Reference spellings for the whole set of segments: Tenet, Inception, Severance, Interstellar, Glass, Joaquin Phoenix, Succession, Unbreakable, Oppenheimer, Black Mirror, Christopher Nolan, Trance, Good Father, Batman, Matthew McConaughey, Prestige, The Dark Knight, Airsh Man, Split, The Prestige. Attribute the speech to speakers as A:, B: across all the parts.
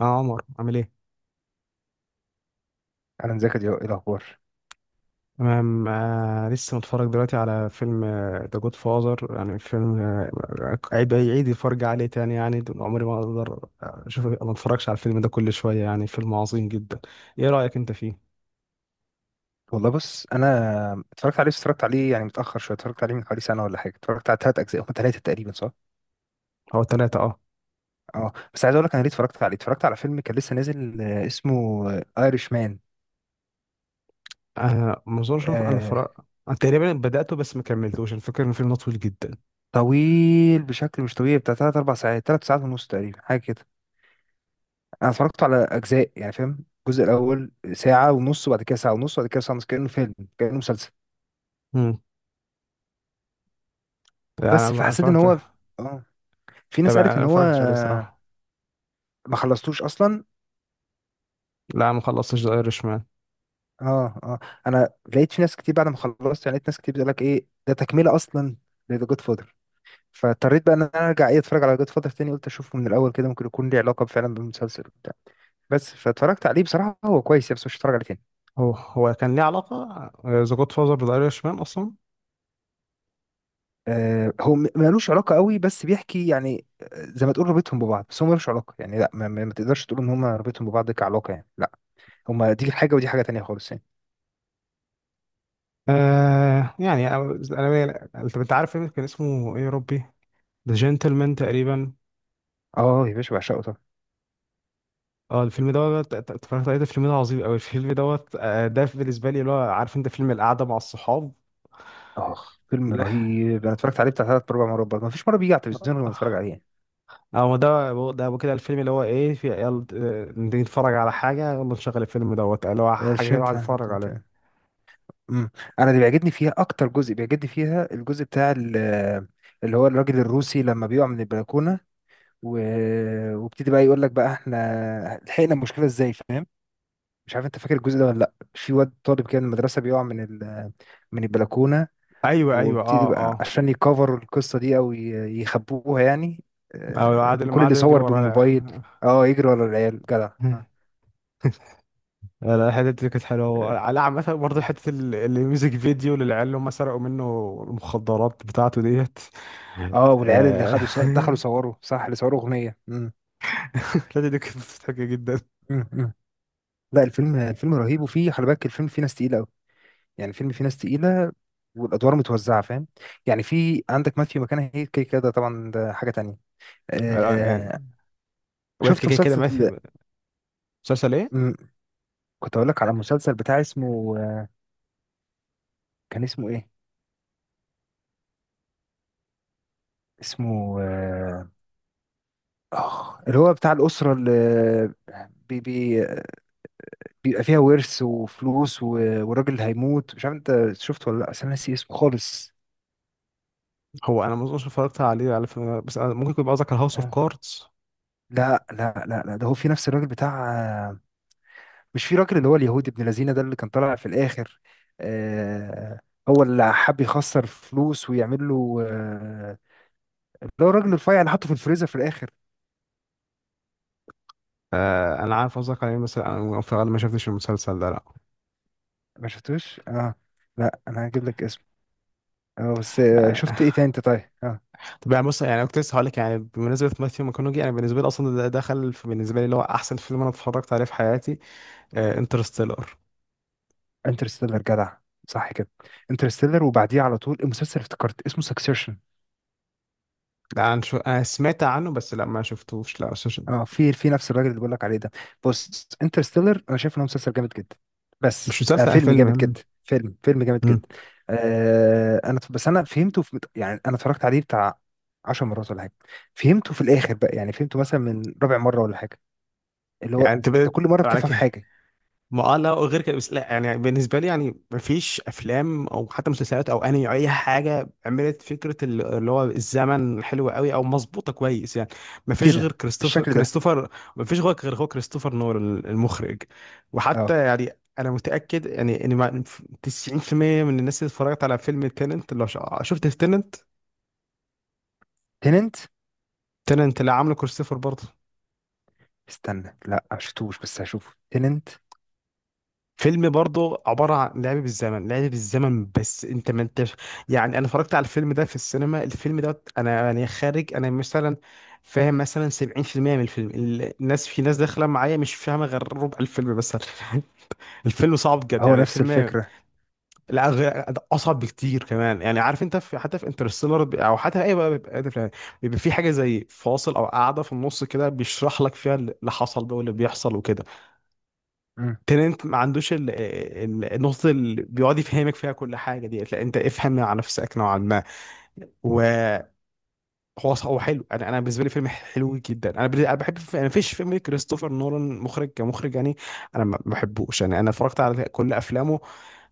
A: اه عمر عامل ايه؟
B: انا مذاكر دلوقتي. ايه الاخبار؟
A: تمام. لسه متفرج دلوقتي على فيلم ذا جود فاذر. يعني فيلم، عيد الفرج عليه تاني. يعني دول عمري ما اقدر اشوف، ما اتفرجش على الفيلم ده كل شويه. يعني فيلم عظيم جدا. ايه رايك انت فيه؟
B: والله بص انا اتفرجت عليه، بس اتفرجت عليه يعني متاخر شويه، اتفرجت عليه من حوالي سنه ولا حاجه، اتفرجت على ثلاث اجزاء، هم ثلاثه تقريبا صح؟
A: هو ثلاثه، اه.
B: اه بس عايز اقول لك انا ليه اتفرجت عليه. اتفرجت على فيلم كان لسه نازل، اسمه ايرش مان.
A: ما اظنش انا
B: آه
A: اتفرج. أنا تقريبا بداته بس ما كملتوش. الفكره ان الفيلم ده طويل جدا.
B: طويل بشكل مش طبيعي، بتاع ثلاث اربع ساعات، ثلاث ساعات ونص تقريبا، حاجه كده. انا اتفرجت على اجزاء يعني فاهم، الجزء الاول ساعه ونص، وبعد كده ساعه ونص، وبعد كده ساعه ونص، كانه فيلم كانه مسلسل.
A: امم. يعني
B: بس
A: انا
B: فحسيت ان
A: اتفرجت.
B: هو اه في
A: طب
B: ناس
A: انا
B: قالت ان
A: ما
B: هو
A: اتفرجتش عليه صراحه،
B: ما خلصتوش اصلا.
A: لا ما خلصتش ذا ايرش مان.
B: اه اه، انا لقيت في ناس كتير بعد ما خلصت، يعني لقيت ناس كتير بتقول لك ايه ده تكمله اصلا؟ لذا جود فاذر. فاضطريت بقى ان انا ارجع ايه، اتفرج على جود فاذر تاني. قلت اشوفه من الاول كده، ممكن يكون ليه علاقه فعلا بالمسلسل وبتاع. بس فاتفرجت عليه بصراحه هو كويس يعني، بس مش هتفرج عليه تاني.
A: هو هو كان ليه علاقه ذا جود فاذر بذا ايرش مان اصلا؟
B: هو ملوش علاقه قوي، بس بيحكي يعني، زي ما تقول رابطهم ببعض، بس هو ملوش علاقه يعني، لا ما تقدرش تقول ان هم رابطهم ببعض كعلاقه يعني، لا. هما دي حاجه ودي حاجه تانيه خالص يعني.
A: آه يعني انت عارف فيلم كان اسمه ايه يا ربي؟ ذا جنتلمان تقريبا.
B: اه يا باشا بعشقه طبعا.
A: اه الفيلم دوت، اتفرجت عليه، ده فيلم ده عظيم قوي. الفيلم دوت، ده بالنسبه لي، اللي هو عارف انت فيلم القعده مع الصحاب.
B: اخ فيلم
A: لا.
B: رهيب، انا اتفرجت عليه بتاع ثلاث اربع مرات برضه، ما فيش مره بيجي على التلفزيون غير ما اتفرج عليه يعني.
A: اه ده. كده الفيلم اللي هو ايه، في يلا نيجي نتفرج على حاجه، يلا نشغل الفيلم دوت، اللي هو حاجه كده الواحد
B: فهمت انت
A: يتفرج
B: انت
A: عليها.
B: مم. انا اللي بيعجبني فيها اكتر، جزء بيعجبني فيها الجزء بتاع اللي هو الراجل الروسي لما بيقع من البلكونه و... وابتدي بقى يقول لك بقى احنا لحقنا المشكله ازاي، فاهم؟ مش عارف انت فاكر الجزء ده ولا لا، في واد طالب كده من المدرسه بيقع من من البلكونه،
A: ايوه ايوه
B: وابتدي
A: اه
B: بقى
A: اه.
B: عشان يكفروا القصه دي او يخبوها يعني،
A: او قعد لما
B: كل اللي
A: قعدوا يجري
B: صور
A: وراه.
B: بالموبايل. اه يجري ورا العيال جدع آه.
A: لا لا لا، الحتة دي كانت
B: آه.
A: حلوة على عامة. برضه حتة الميوزك فيديو للعيال اللي هم سرقوا منه المخدرات بتاعته ديت.
B: اه والعيال اللي
A: آه،
B: خدوا صور دخلوا صوروا، صح، اللي صوروا اغنيه.
A: الحتة دي كانت مضحكة جدا.
B: مم. مم. لا الفيلم رهيب، وفيه خلي بالك الفيلم فيه ناس تقيله قوي، يعني الفيلم فيه ناس تقيله والادوار متوزعه فاهم، يعني في عندك ماثيو ماكونهي كده كده، ده طبعا ده حاجه تانية. آه
A: يعني. وبعد
B: شفت
A: كده كده
B: مسلسل؟
A: مثل. مسلسل ايه؟
B: مم، كنت اقول لك على مسلسل بتاع اسمه كان اسمه ايه؟ اسمه اللي هو بتاع الاسره اللي بي بي بيبقى فيها ورث وفلوس والراجل اللي هيموت، مش عارف انت شفته ولا لا، بس انا ناسي اسمه خالص.
A: هو انا ما اظنش اتفرجت عليه على فيلم، بس أنا ممكن يكون قصدك على هاوس اوف
B: آه.
A: كاردز.
B: لا لا لا لا، ده هو في نفس الراجل بتاع، مش في راجل اللي هو اليهودي ابن لذينه ده اللي كان طالع في الاخر. آه هو اللي حب يخسر فلوس ويعمل له اللي هو الراجل الرفيع اللي حطه في الفريزر في الاخر.
A: آه انا عارف قصدك عليه. مثلا انا في الغالب ما شفتش المسلسل ده، لا.
B: ما شفتوش اه. لا انا هجيب لك اسمه. اه بس
A: آه،
B: شفت ايه تاني انت؟ طيب اه.
A: طب يعني بص، يعني كنت لسه هقول لك، يعني بمناسبة ماثيو ماكونوجي، انا بالنسبة لي اصلا ده بالنسبة لي اللي هو احسن فيلم انا اتفرجت عليه في حياتي، انترستيلر.
B: انترستيلر جدع، صح كده. انترستيلر وبعديه على طول، المسلسل افتكرت اسمه سكسيشن.
A: لا انا أنا سمعت عنه، بس لا ما شفتوش، لا
B: اه في نفس الراجل اللي بقول لك عليه ده. بص انترستيلر انا شايف ان هو مسلسل جامد جدا، بس
A: مش
B: آه
A: مسلسل، أنا
B: فيلم
A: فيلم.
B: جامد
A: مم.
B: جدا، فيلم جامد
A: مم.
B: جدا. آه انا بس انا فهمته في يعني، انا اتفرجت عليه بتاع 10 مرات ولا حاجه. فهمته في الاخر بقى، يعني فهمته مثلا من رابع مره ولا حاجه، اللي هو
A: يعني انت
B: انت
A: بقيت
B: كل مره
A: على
B: بتفهم
A: كده.
B: حاجه،
A: ما اه لا، وغير كده، بس لا يعني بالنسبه لي، يعني ما فيش افلام او حتى مسلسلات او انمي او اي حاجه عملت فكره اللي هو الزمن حلو قوي او مظبوطه كويس يعني. ما فيش غير
B: كده
A: كريستوفر،
B: بالشكل ده.
A: كريستوفر. ما فيش غير هو كريستوفر نولان المخرج.
B: اه
A: وحتى يعني انا متاكد يعني ان 90% من الناس اللي اتفرجت على فيلم تيننت، لو شفت تيننت.
B: تننت.
A: تيننت اللي عامله كريستوفر برضه،
B: استنى لا ما شفتوش بس هشوفه تننت.
A: فيلم برضه عبارة عن لعب بالزمن، لعب بالزمن، بس انت ما انتش. يعني انا اتفرجت على الفيلم ده في السينما. الفيلم ده انا يعني خارج انا مثلا فاهم مثلا 70% من الفيلم. الناس، في ناس داخلة معايا مش فاهمة غير ربع الفيلم مثلا. الفيلم صعب جد،
B: هو
A: يعني
B: نفس
A: الفيلم،
B: الفكره.
A: لا غير- اصعب بكتير كمان. يعني عارف انت في، حتى في انترستيلر او حتى اي بقى بيبقى ده فيلم، بيبقى في حاجة زي فاصل او قاعدة في النص كده، بيشرح لك فيها اللي حصل ده واللي بيحصل وكده.
B: امم.
A: ترنت ما عندوش النقطة اللي بيقعد يفهمك فيها كل حاجة دي. لا، انت افهم على نفسك نوعا ما. وهو هو حلو. انا انا بالنسبة لي فيلم حلو جدا. انا انا بحب، انا مفيش فيلم كريستوفر نولان مخرج كمخرج يعني انا ما بحبوش. يعني انا اتفرجت على كل افلامه،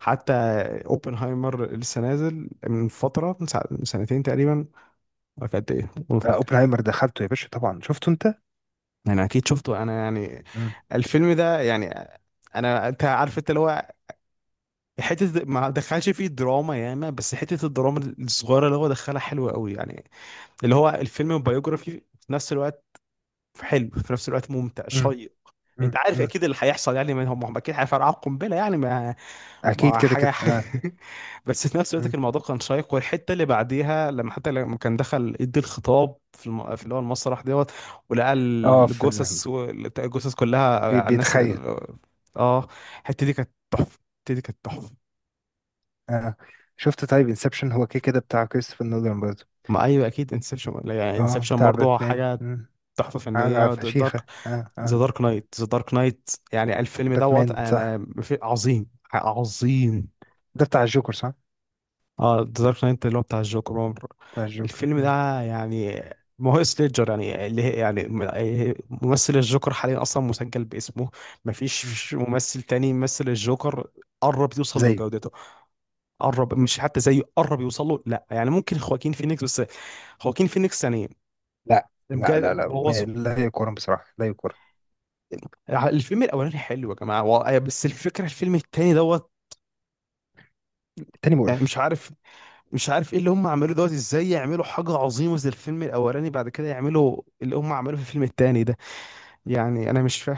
A: حتى اوبنهايمر اللي لسه نازل من فترة، من من سنتين تقريبا، ولا كانت ايه ما
B: آه
A: فاكر.
B: اوبنهايمر دخلته يا باشا طبعا شفته انت.
A: انا اكيد شفته انا. يعني الفيلم ده يعني انا، انت عارف انت اللي هو حته ما دخلش فيه دراما ياما، بس حته الدراما الصغيره اللي هو دخلها حلوه قوي يعني. اللي هو الفيلم بايوجرافي في نفس الوقت، حلو في نفس الوقت، ممتع شيق. انت عارف
B: امم
A: اكيد اللي هيحصل، يعني ما هم اكيد هيفرقعوا القنبله، يعني ما
B: اكيد
A: ما
B: كده كده
A: حاجه
B: اه.
A: بس في نفس الوقت
B: مم.
A: كان الموضوع كان شيق. والحته اللي بعديها، لما حتى لما كان دخل يدي الخطاب في في اللي هو المسرح دوت، ولقى
B: اه في
A: الجثث و- الجثث كلها، على الناس
B: بيتخيل.
A: ال-. اه الحته دي كانت تحفه. الحته دي كانت تحفه.
B: اه شفت طيب انسبشن، هو كده كده بتاع كريستوفر نولان برضه.
A: ما ايوه اكيد انسبشن. يعني
B: اه
A: انسبشن
B: بتاع
A: برضه
B: باتمان
A: حاجه
B: مم.
A: تحفه فنيه.
B: عارف
A: دارك،
B: فشيخة اه
A: ذا
B: اه.
A: دارك نايت. ذا دارك نايت، يعني الفيلم
B: باتمان
A: دوت
B: صح.
A: انا في عظيم، عظيم.
B: ده بتاع الجوكر صح.
A: اه ذا دارك نايت اللي هو بتاع الجوكر.
B: بتاع الجوكر
A: الفيلم
B: مم.
A: ده يعني ما هو سليجر، يعني اللي هي يعني ممثل الجوكر حاليا اصلا مسجل باسمه. ما فيش
B: مم.
A: ممثل تاني يمثل الجوكر، قرب يوصل
B: زيه.
A: لجودته. قرب، مش حتى زيه، قرب يوصل له. لا يعني ممكن خواكين فينيكس، بس خواكين فينيكس يعني
B: لا لا لا
A: بجد
B: لا
A: بوظوا.
B: لا يقارن بصراحة، لا يقارن.
A: الفيلم الاولاني حلو يا جماعه بس الفكره الفيلم التاني دوت
B: التاني
A: يعني،
B: مقرف.
A: مش عارف. مش عارف ايه اللي هم عملوه دوت، ازاي يعملوا حاجه عظيمه زي الفيلم الاولاني، بعد كده يعملوا اللي هم عملوه في الفيلم التاني ده. يعني انا مش فاهم،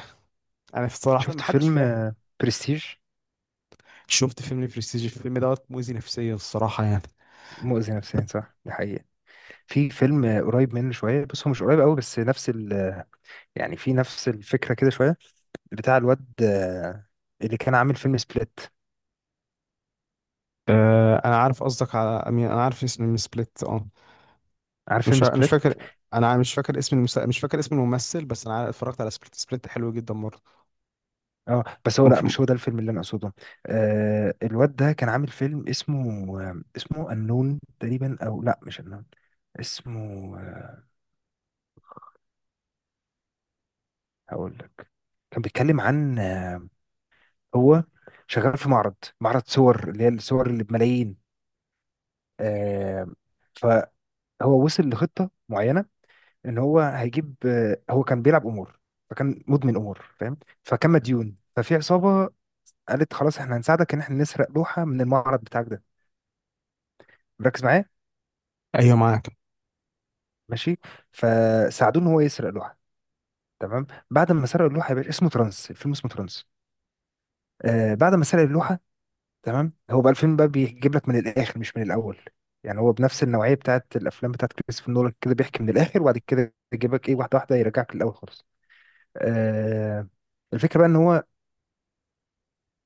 A: انا صراحه
B: شفت
A: ما حدش
B: فيلم
A: فاهم.
B: برستيج،
A: شفت فيلم برستيج، الفيلم دوت مؤذي نفسيا الصراحه يعني.
B: مؤذي نفسيا، صح، دي حقيقة. في فيلم قريب منه شوية بس هو مش قريب قوي، بس نفس ال آه، يعني في نفس الفكرة كده شوية، بتاع الواد اللي كان عامل فيلم سبليت.
A: آه انا عارف قصدك على أمين. انا عارف اسم من سبليت، اه.
B: عارف
A: مش
B: فيلم
A: ع- انا مش
B: سبليت؟
A: فاكر، انا مش فاكر اسم مش فاكر اسم الممثل، بس انا اتفرجت على سبليت. سبليت حلو جدا برضه.
B: اه بس هو لا
A: مف-.
B: مش هو ده الفيلم اللي انا اقصده. آه الواد ده كان عامل فيلم اسمه اسمه النون تقريبا، او لا مش النون. اسمه هقول لك. كان بيتكلم عن هو شغال في معرض، معرض صور، اللي هي الصور اللي بملايين. آه فهو وصل لخطة معينة ان هو هيجيب هو كان بيلعب امور، فكان مدمن امور فاهم، فكان مديون، ففي عصابة قالت خلاص احنا هنساعدك ان احنا نسرق لوحه من المعرض بتاعك ده. ركز معايا،
A: ايوه معاك.
B: ماشي؟ فساعدوه ان هو يسرق لوحه. تمام، بعد ما سرق اللوحه يا باشا، اسمه ترانس، الفيلم اسمه ترانس. آه بعد ما سرق اللوحه، تمام، هو بقى الفيلم بقى بيجيب لك من الاخر مش من الاول، يعني هو بنفس النوعيه بتاعت الافلام بتاعت كريستوفر نولان كده، بيحكي من الاخر وبعد كده يجيبك ايه واحده واحده يرجعك للاول خالص. آه الفكره بقى ان هو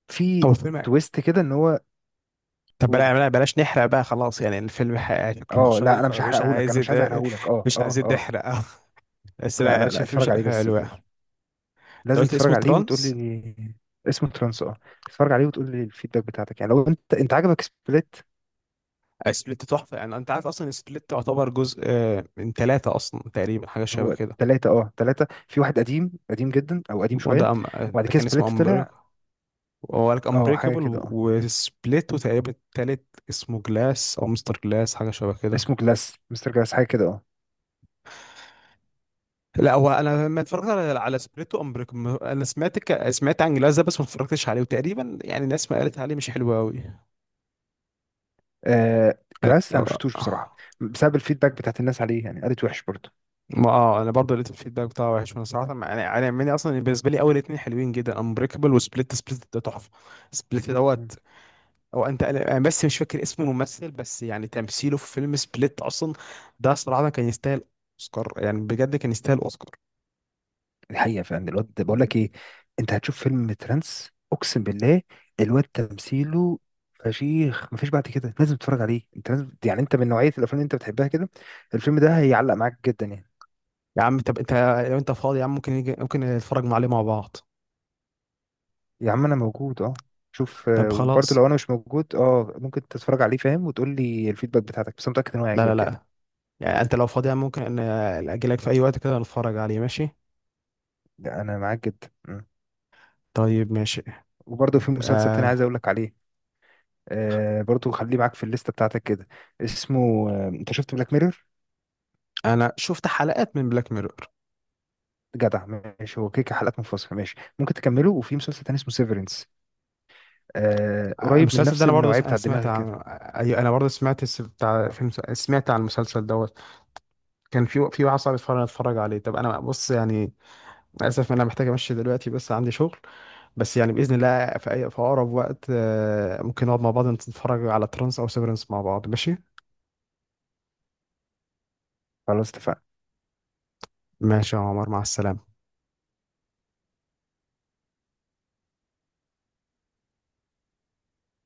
B: في
A: هو الفيلم.
B: تويست كده ان هو،
A: طب
B: قول.
A: بلاش نحرق بقى خلاص. يعني الفيلم شكله
B: اه لا انا
A: شيق،
B: مش
A: مش
B: هحرقهولك،
A: عايز
B: انا مش عايز
A: يت-.
B: احرقهولك، اه
A: مش
B: اه
A: عايز
B: اه.
A: نحرق بس
B: لا
A: لا انا
B: لا
A: شايف
B: لا
A: الفيلم
B: اتفرج
A: شكله
B: عليه بس.
A: حلو يعني. انت
B: لازم
A: قلت
B: تتفرج
A: اسمه
B: عليه وتقول
A: ترانس.
B: لي، اسمه ترانس اه. تتفرج عليه وتقول لي الفيدباك بتاعتك، يعني لو انت عجبك سبليت.
A: سبليت تحفه. يعني انت عارف اصلا سبليت تعتبر جزء، من ثلاثه اصلا تقريبا، حاجه شبه
B: هو
A: كده.
B: ثلاثة اه، ثلاثة في واحد، قديم قديم جدا او قديم شوية. وبعد
A: ده
B: كده
A: كان اسمه
B: سبليت
A: امبريك.
B: طلع.
A: وقالك
B: اه حاجة
A: امبريكابل.
B: كده اه.
A: وسبليت. وتقريبا التالت اسمه جلاس او مستر جلاس، حاجه شبه كده.
B: اسمه جلاس، مستر جلاس، حاجة كده اه.
A: لا هو انا ما اتفرجت على على سبريتو امبريكم، انا سمعت عن جلاس ده بس ما اتفرجتش عليه. وتقريبا يعني الناس ما قالت عليه مش حلو قوي.
B: آه، جلاس انا مشفتوش بصراحة بسبب الفيدباك بتاعت الناس عليه، يعني قالت وحش برضه.
A: ما اه انا برضه لقيت الفيدباك بتاعه وحش. وانا صراحه يعني انا مني اصلا بالنسبه لي اول اتنين حلوين جدا، امبريكابل وسبليت. سبليت ده تحفه. سبليت دوت، هو انت انا بس مش فاكر اسم الممثل، بس يعني تمثيله في فيلم سبليت اصلا ده صراحه كان يستاهل اوسكار. يعني بجد كان يستاهل اوسكار.
B: الحقيقه فعلا الواد بقول لك ايه، انت هتشوف فيلم ترانس اقسم بالله. الواد تمثيله فشيخ، مفيش بعد كده، لازم تتفرج عليه انت لازم، يعني انت من نوعيه الافلام اللي انت بتحبها كده، الفيلم ده هيعلق معاك جدا يعني.
A: يا عم طب انت، لو انت فاضي يا عم ممكن ممكن نتفرج عليه مع بعض.
B: يا عم انا موجود اه. شوف
A: طب
B: وبرضه
A: خلاص.
B: لو انا مش موجود اه، ممكن تتفرج عليه فاهم، وتقول لي الفيدباك بتاعتك، بس أنا متاكد ان هو
A: لا لا
B: هيعجبك يعني.
A: لا، يعني انت لو فاضي، ممكن ان اجيلك في اي وقت كده نتفرج عليه، ماشي.
B: لا، انا معاك جدا مم.
A: طيب ماشي.
B: وبرضه في مسلسل تاني
A: آه
B: عايز اقول لك عليه. آه برضه خليه معاك في الليسته بتاعتك كده. اسمه انت شفت بلاك ميرور؟
A: انا شفت حلقات من بلاك ميرور.
B: جدع. ماشي، هو كيكة حلقات منفصلة، ماشي ممكن تكمله. وفي مسلسل تاني اسمه سيفرنس، آه قريب من
A: المسلسل ده
B: نفس
A: انا برضه
B: النوعية
A: انا
B: بتاع
A: سمعت
B: دماغك
A: عن،
B: كده.
A: ايوه انا برضه سمعت بتاع
B: آه
A: فيلم، سمعت عن المسلسل دوت. كان في في واحد صاحبي اتفرج، اتفرج عليه. طب انا بص يعني للاسف انا محتاج امشي دلوقتي، بس عندي شغل. بس يعني باذن الله في اي في اقرب وقت، ممكن نقعد مع بعض نتفرج على ترانس او سيفرنس مع بعض، ماشي.
B: خلاص اتفقنا.
A: ماشي يا عمر، مع السلامة.